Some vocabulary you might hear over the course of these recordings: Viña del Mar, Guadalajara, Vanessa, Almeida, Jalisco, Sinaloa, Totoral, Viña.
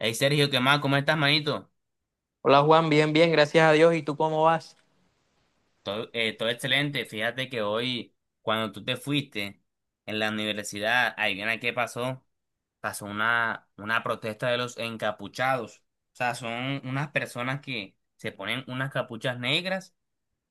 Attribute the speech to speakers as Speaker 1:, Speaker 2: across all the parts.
Speaker 1: Hey Sergio, ¿qué más? ¿Cómo estás, manito?
Speaker 2: Hola Juan, bien, bien, gracias a Dios. ¿Y tú cómo vas?
Speaker 1: Todo, todo excelente. Fíjate que hoy, cuando tú te fuiste en la universidad, adivina qué pasó. Pasó una protesta de los encapuchados. O sea, son unas personas que se ponen unas capuchas negras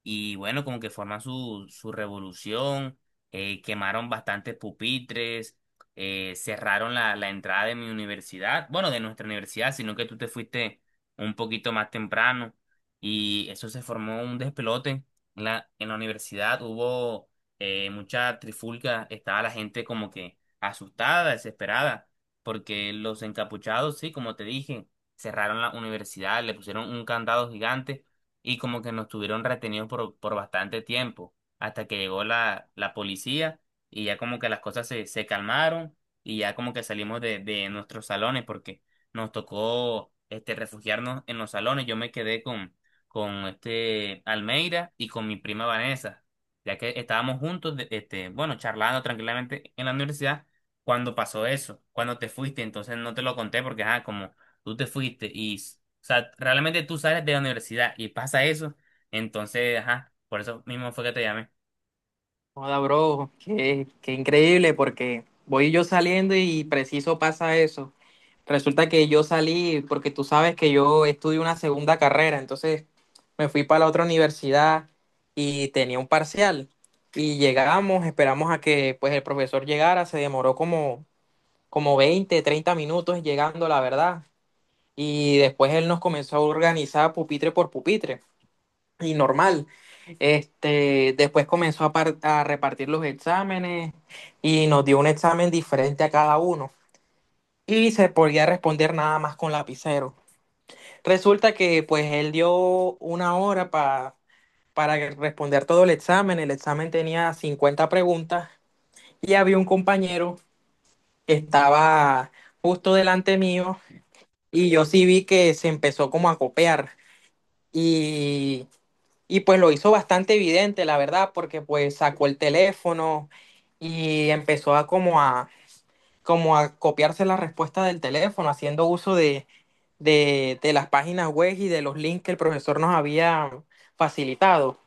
Speaker 1: y bueno, como que forman su revolución, quemaron bastantes pupitres, cerraron la entrada de mi universidad, bueno, de nuestra universidad, sino que tú te fuiste un poquito más temprano y eso se formó un despelote. En la universidad hubo mucha trifulca, estaba la gente como que asustada, desesperada, porque los encapuchados, sí, como te dije, cerraron la universidad, le pusieron un candado gigante y como que nos tuvieron retenidos por bastante tiempo, hasta que llegó la policía y ya como que las cosas se calmaron y ya como que salimos de nuestros salones porque nos tocó este, refugiarnos en los salones. Yo me quedé con este Almeida y con mi prima Vanessa, ya que estábamos juntos, este, bueno, charlando tranquilamente en la universidad. Cuando pasó eso, cuando te fuiste, entonces no te lo conté porque, ah, tú te fuiste y, o sea, realmente tú sales de la universidad y pasa eso, entonces, ajá, por eso mismo fue que te llamé.
Speaker 2: Hola, bro, qué increíble porque voy yo saliendo y preciso pasa eso. Resulta que yo salí porque tú sabes que yo estudio una segunda carrera, entonces me fui para la otra universidad y tenía un parcial. Y llegamos, esperamos a que pues el profesor llegara, se demoró como 20, 30 minutos llegando, la verdad. Y después él nos comenzó a organizar pupitre por pupitre. Y normal. Este, después comenzó a repartir los exámenes y nos dio un examen diferente a cada uno y se podía responder nada más con lapicero. Resulta que pues él dio una hora para responder todo el examen. El examen tenía 50 preguntas y había un compañero que estaba justo delante mío y yo sí vi que se empezó como a copiar. y Y pues lo hizo bastante evidente, la verdad, porque pues sacó el teléfono y empezó como a copiarse la respuesta del teléfono, haciendo uso de las páginas web y de los links que el profesor nos había facilitado.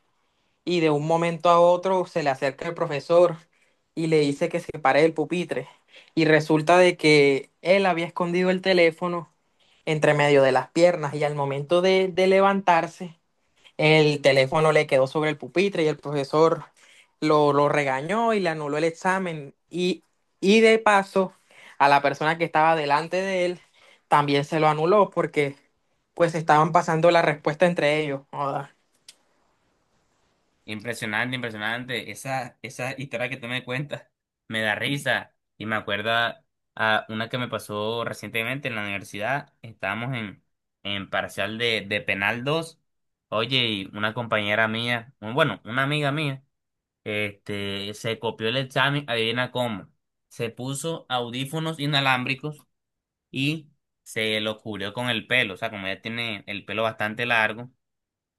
Speaker 2: Y de un momento a otro se le acerca el profesor y le dice que se pare del pupitre. Y resulta de que él había escondido el teléfono entre medio de las piernas y al momento de levantarse el teléfono le quedó sobre el pupitre y el profesor lo regañó y le anuló el examen. Y de paso, a la persona que estaba delante de él también se lo anuló porque pues estaban pasando la respuesta entre ellos. Joda.
Speaker 1: Impresionante, impresionante, esa historia que tú me cuentas me da risa y me acuerda a una que me pasó recientemente en la universidad, estábamos en parcial de penal 2. Oye, y una compañera mía, bueno, una amiga mía, este, se copió el examen, adivina cómo, se puso audífonos inalámbricos, y se lo cubrió con el pelo. O sea, como ella tiene el pelo bastante largo,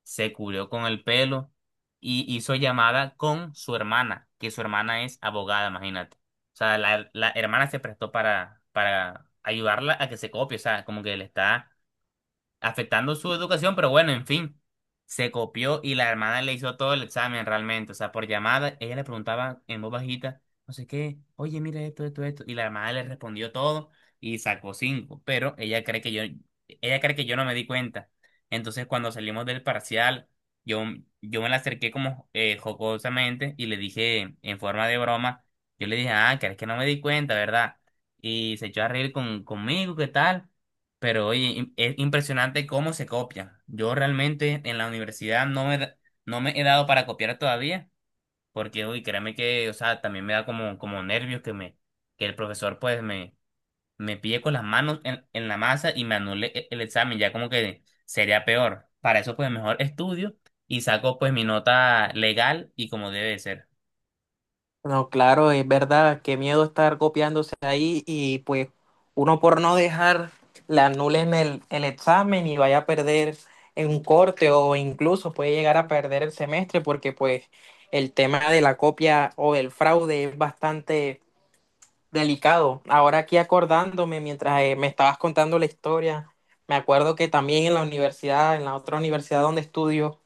Speaker 1: se cubrió con el pelo y hizo llamada con su hermana, que su hermana es abogada, imagínate. O sea, la hermana se prestó para ayudarla a que se copie, o sea, como que le está afectando su educación, pero bueno, en fin, se copió y la hermana le hizo todo el examen realmente, o sea, por llamada, ella le preguntaba en voz bajita, no sé qué, oye, mira esto, esto, esto, y la hermana le respondió todo y sacó cinco, pero ella cree que yo, ella cree que yo no me di cuenta. Entonces, cuando salimos del parcial, yo, yo me la acerqué como jocosamente y le dije en forma de broma, yo le dije, ah, crees que no me di cuenta, ¿verdad? Y se echó a reír conmigo, ¿qué tal? Pero oye, es impresionante cómo se copian. Yo realmente en la universidad no me, no me he dado para copiar todavía, porque uy, créeme que, o sea, también me da como, como nervios que me, que el profesor pues me pille con las manos en la masa y me anule el examen, ya como que sería peor. Para eso pues mejor estudio y saco pues mi nota legal y como debe de ser.
Speaker 2: No, claro, es verdad, qué miedo estar copiándose ahí y pues uno por no dejar le anulen el examen y vaya a perder en un corte o incluso puede llegar a perder el semestre porque pues el tema de la copia o el fraude es bastante delicado. Ahora aquí acordándome, mientras me estabas contando la historia, me acuerdo que también en la universidad, en la otra universidad donde estudio,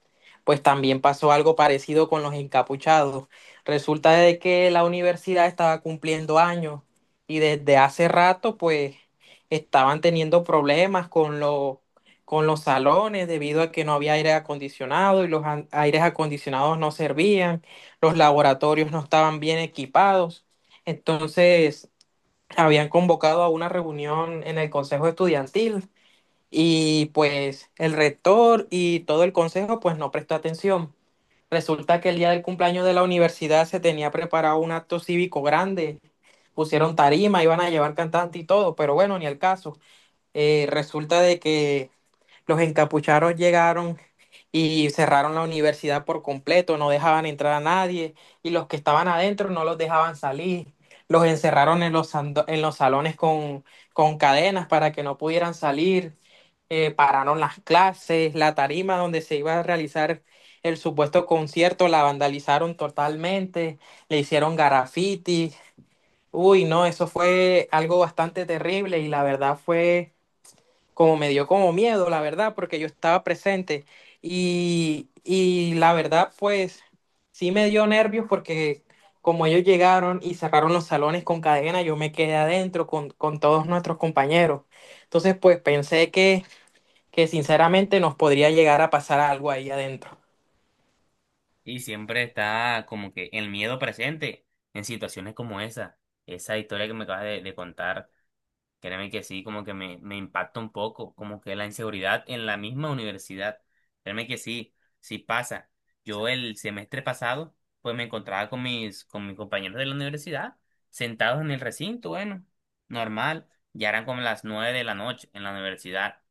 Speaker 2: pues también pasó algo parecido con los encapuchados. Resulta de que la universidad estaba cumpliendo años y desde hace rato pues estaban teniendo problemas con los salones debido a que no había aire acondicionado y aires acondicionados no servían, los laboratorios no estaban bien equipados. Entonces, habían convocado a una reunión en el consejo estudiantil y pues el rector y todo el consejo pues no prestó atención. Resulta que el día del cumpleaños de la universidad se tenía preparado un acto cívico grande, pusieron tarima, iban a llevar cantante y todo, pero bueno, ni el caso. Resulta de que los encapuchados llegaron y cerraron la universidad por completo, no dejaban entrar a nadie y los que estaban adentro no los dejaban salir. Los encerraron en en los salones con cadenas para que no pudieran salir, pararon las clases, la tarima donde se iba a realizar el supuesto concierto la vandalizaron totalmente, le hicieron graffiti. Uy, no, eso fue algo bastante terrible y la verdad fue como me dio como miedo, la verdad, porque yo estaba presente y la verdad, pues sí me dio nervios porque como ellos llegaron y cerraron los salones con cadena, yo me quedé adentro con todos nuestros compañeros. Entonces, pues pensé que sinceramente nos podría llegar a pasar algo ahí adentro.
Speaker 1: Y siempre está como que el miedo presente en situaciones como esa historia que me acabas de contar. Créeme que sí, como que me impacta un poco, como que la inseguridad en la misma universidad. Créeme que sí, sí pasa. Yo el semestre pasado, pues me encontraba con mis compañeros de la universidad, sentados en el recinto, bueno, normal, ya eran como las nueve de la noche en la universidad.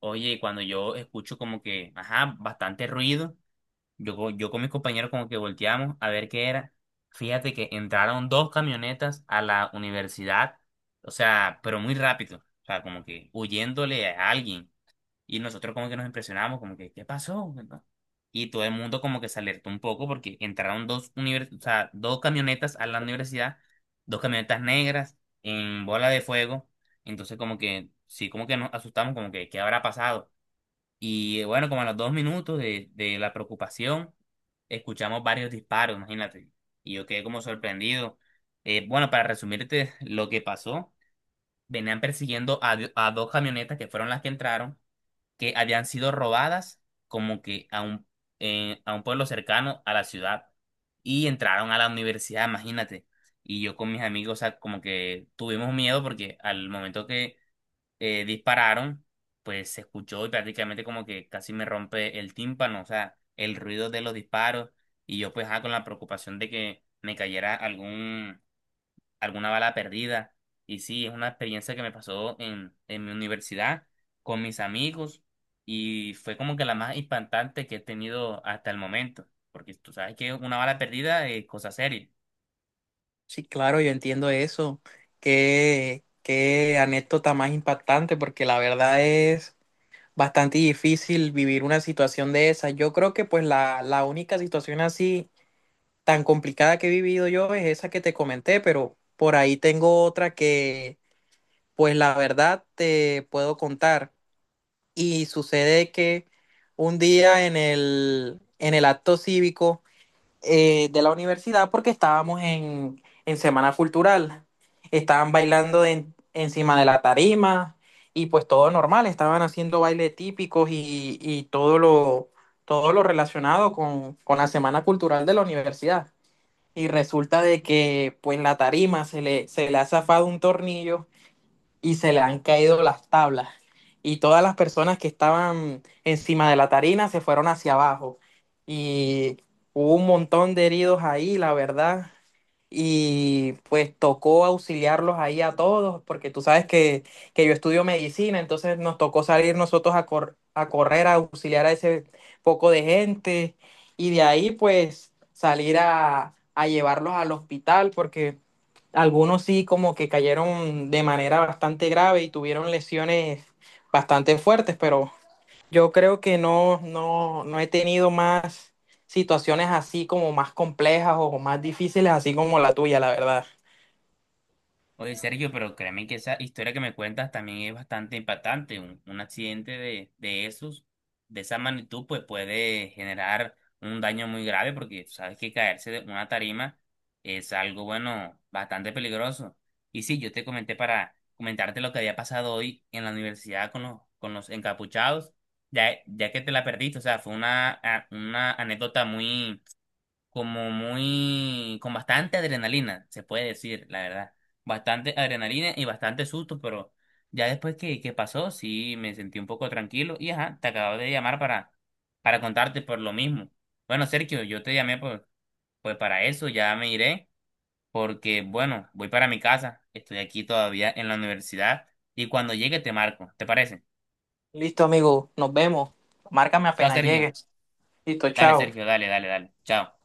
Speaker 1: Oye, y cuando yo escucho como que, ajá, bastante ruido, yo, yo con mis compañeros como que volteamos a ver qué era. Fíjate que entraron dos camionetas a la universidad, o sea, pero muy rápido, o sea, como que huyéndole a alguien. Y nosotros como que nos impresionamos, como que, ¿qué pasó, verdad? Y todo el mundo como que se alertó un poco porque entraron o sea, dos camionetas a la universidad, dos camionetas negras en bola de fuego. Entonces como que, sí, como que nos asustamos, como que, ¿qué habrá pasado? Y bueno, como a los dos minutos de la preocupación, escuchamos varios disparos, imagínate. Y yo quedé como sorprendido. Bueno, para resumirte lo que pasó, venían persiguiendo a, a dos camionetas que fueron las que entraron, que habían sido robadas como que a un pueblo cercano a la ciudad. Y entraron a la universidad, imagínate. Y yo con mis amigos, o sea, como que tuvimos miedo porque al momento dispararon, pues se escuchó y prácticamente como que casi me rompe el tímpano, o sea, el ruido de los disparos y yo pues ah, con la preocupación de que me cayera algún, alguna bala perdida. Y sí, es una experiencia que me pasó en mi universidad con mis amigos y fue como que la más impactante que he tenido hasta el momento, porque tú sabes que una bala perdida es cosa seria.
Speaker 2: Sí, claro, yo entiendo eso. Qué, qué anécdota más impactante, porque la verdad es bastante difícil vivir una situación de esa. Yo creo que pues la única situación así tan complicada que he vivido yo es esa que te comenté, pero por ahí tengo otra que pues la verdad te puedo contar. Y sucede que un día en el acto cívico de la universidad porque estábamos en Semana Cultural. Estaban bailando encima de la tarima y pues todo normal, estaban haciendo bailes típicos y todo lo relacionado con la Semana Cultural de la universidad. Y resulta de que pues la tarima se le ha zafado un tornillo y se le han caído las tablas. Y todas las personas que estaban encima de la tarina se fueron hacia abajo. Y hubo un montón de heridos ahí, la verdad. Y pues tocó auxiliarlos ahí a todos, porque tú sabes que yo estudio medicina, entonces nos tocó salir nosotros a correr, a auxiliar a ese poco de gente. Y de ahí pues salir a llevarlos al hospital, porque algunos sí como que cayeron de manera bastante grave y tuvieron lesiones bastante fuertes, pero yo creo que no, no, no he tenido más situaciones así como más complejas o más difíciles, así como la tuya, la verdad.
Speaker 1: Oye, Sergio, pero créeme que esa historia que me cuentas también es bastante impactante. Un accidente de esos, de esa magnitud, pues puede generar un daño muy grave porque sabes que caerse de una tarima es algo, bueno, bastante peligroso. Y sí, yo te comenté para comentarte lo que había pasado hoy en la universidad con los encapuchados, ya, ya que te la perdiste. O sea, fue una, una anécdota muy como muy, con bastante adrenalina, se puede decir, la verdad. Bastante adrenalina y bastante susto, pero ya después que pasó, sí me sentí un poco tranquilo y ajá, te acabo de llamar para contarte por lo mismo. Bueno, Sergio, yo te llamé por, pues para eso, ya me iré, porque bueno, voy para mi casa, estoy aquí todavía en la universidad y cuando llegue te marco, ¿te parece?
Speaker 2: Listo, amigo, nos vemos. Márcame
Speaker 1: Chao,
Speaker 2: apenas
Speaker 1: Sergio.
Speaker 2: llegues. Listo,
Speaker 1: Dale,
Speaker 2: chao.
Speaker 1: Sergio, dale, dale, dale. Chao.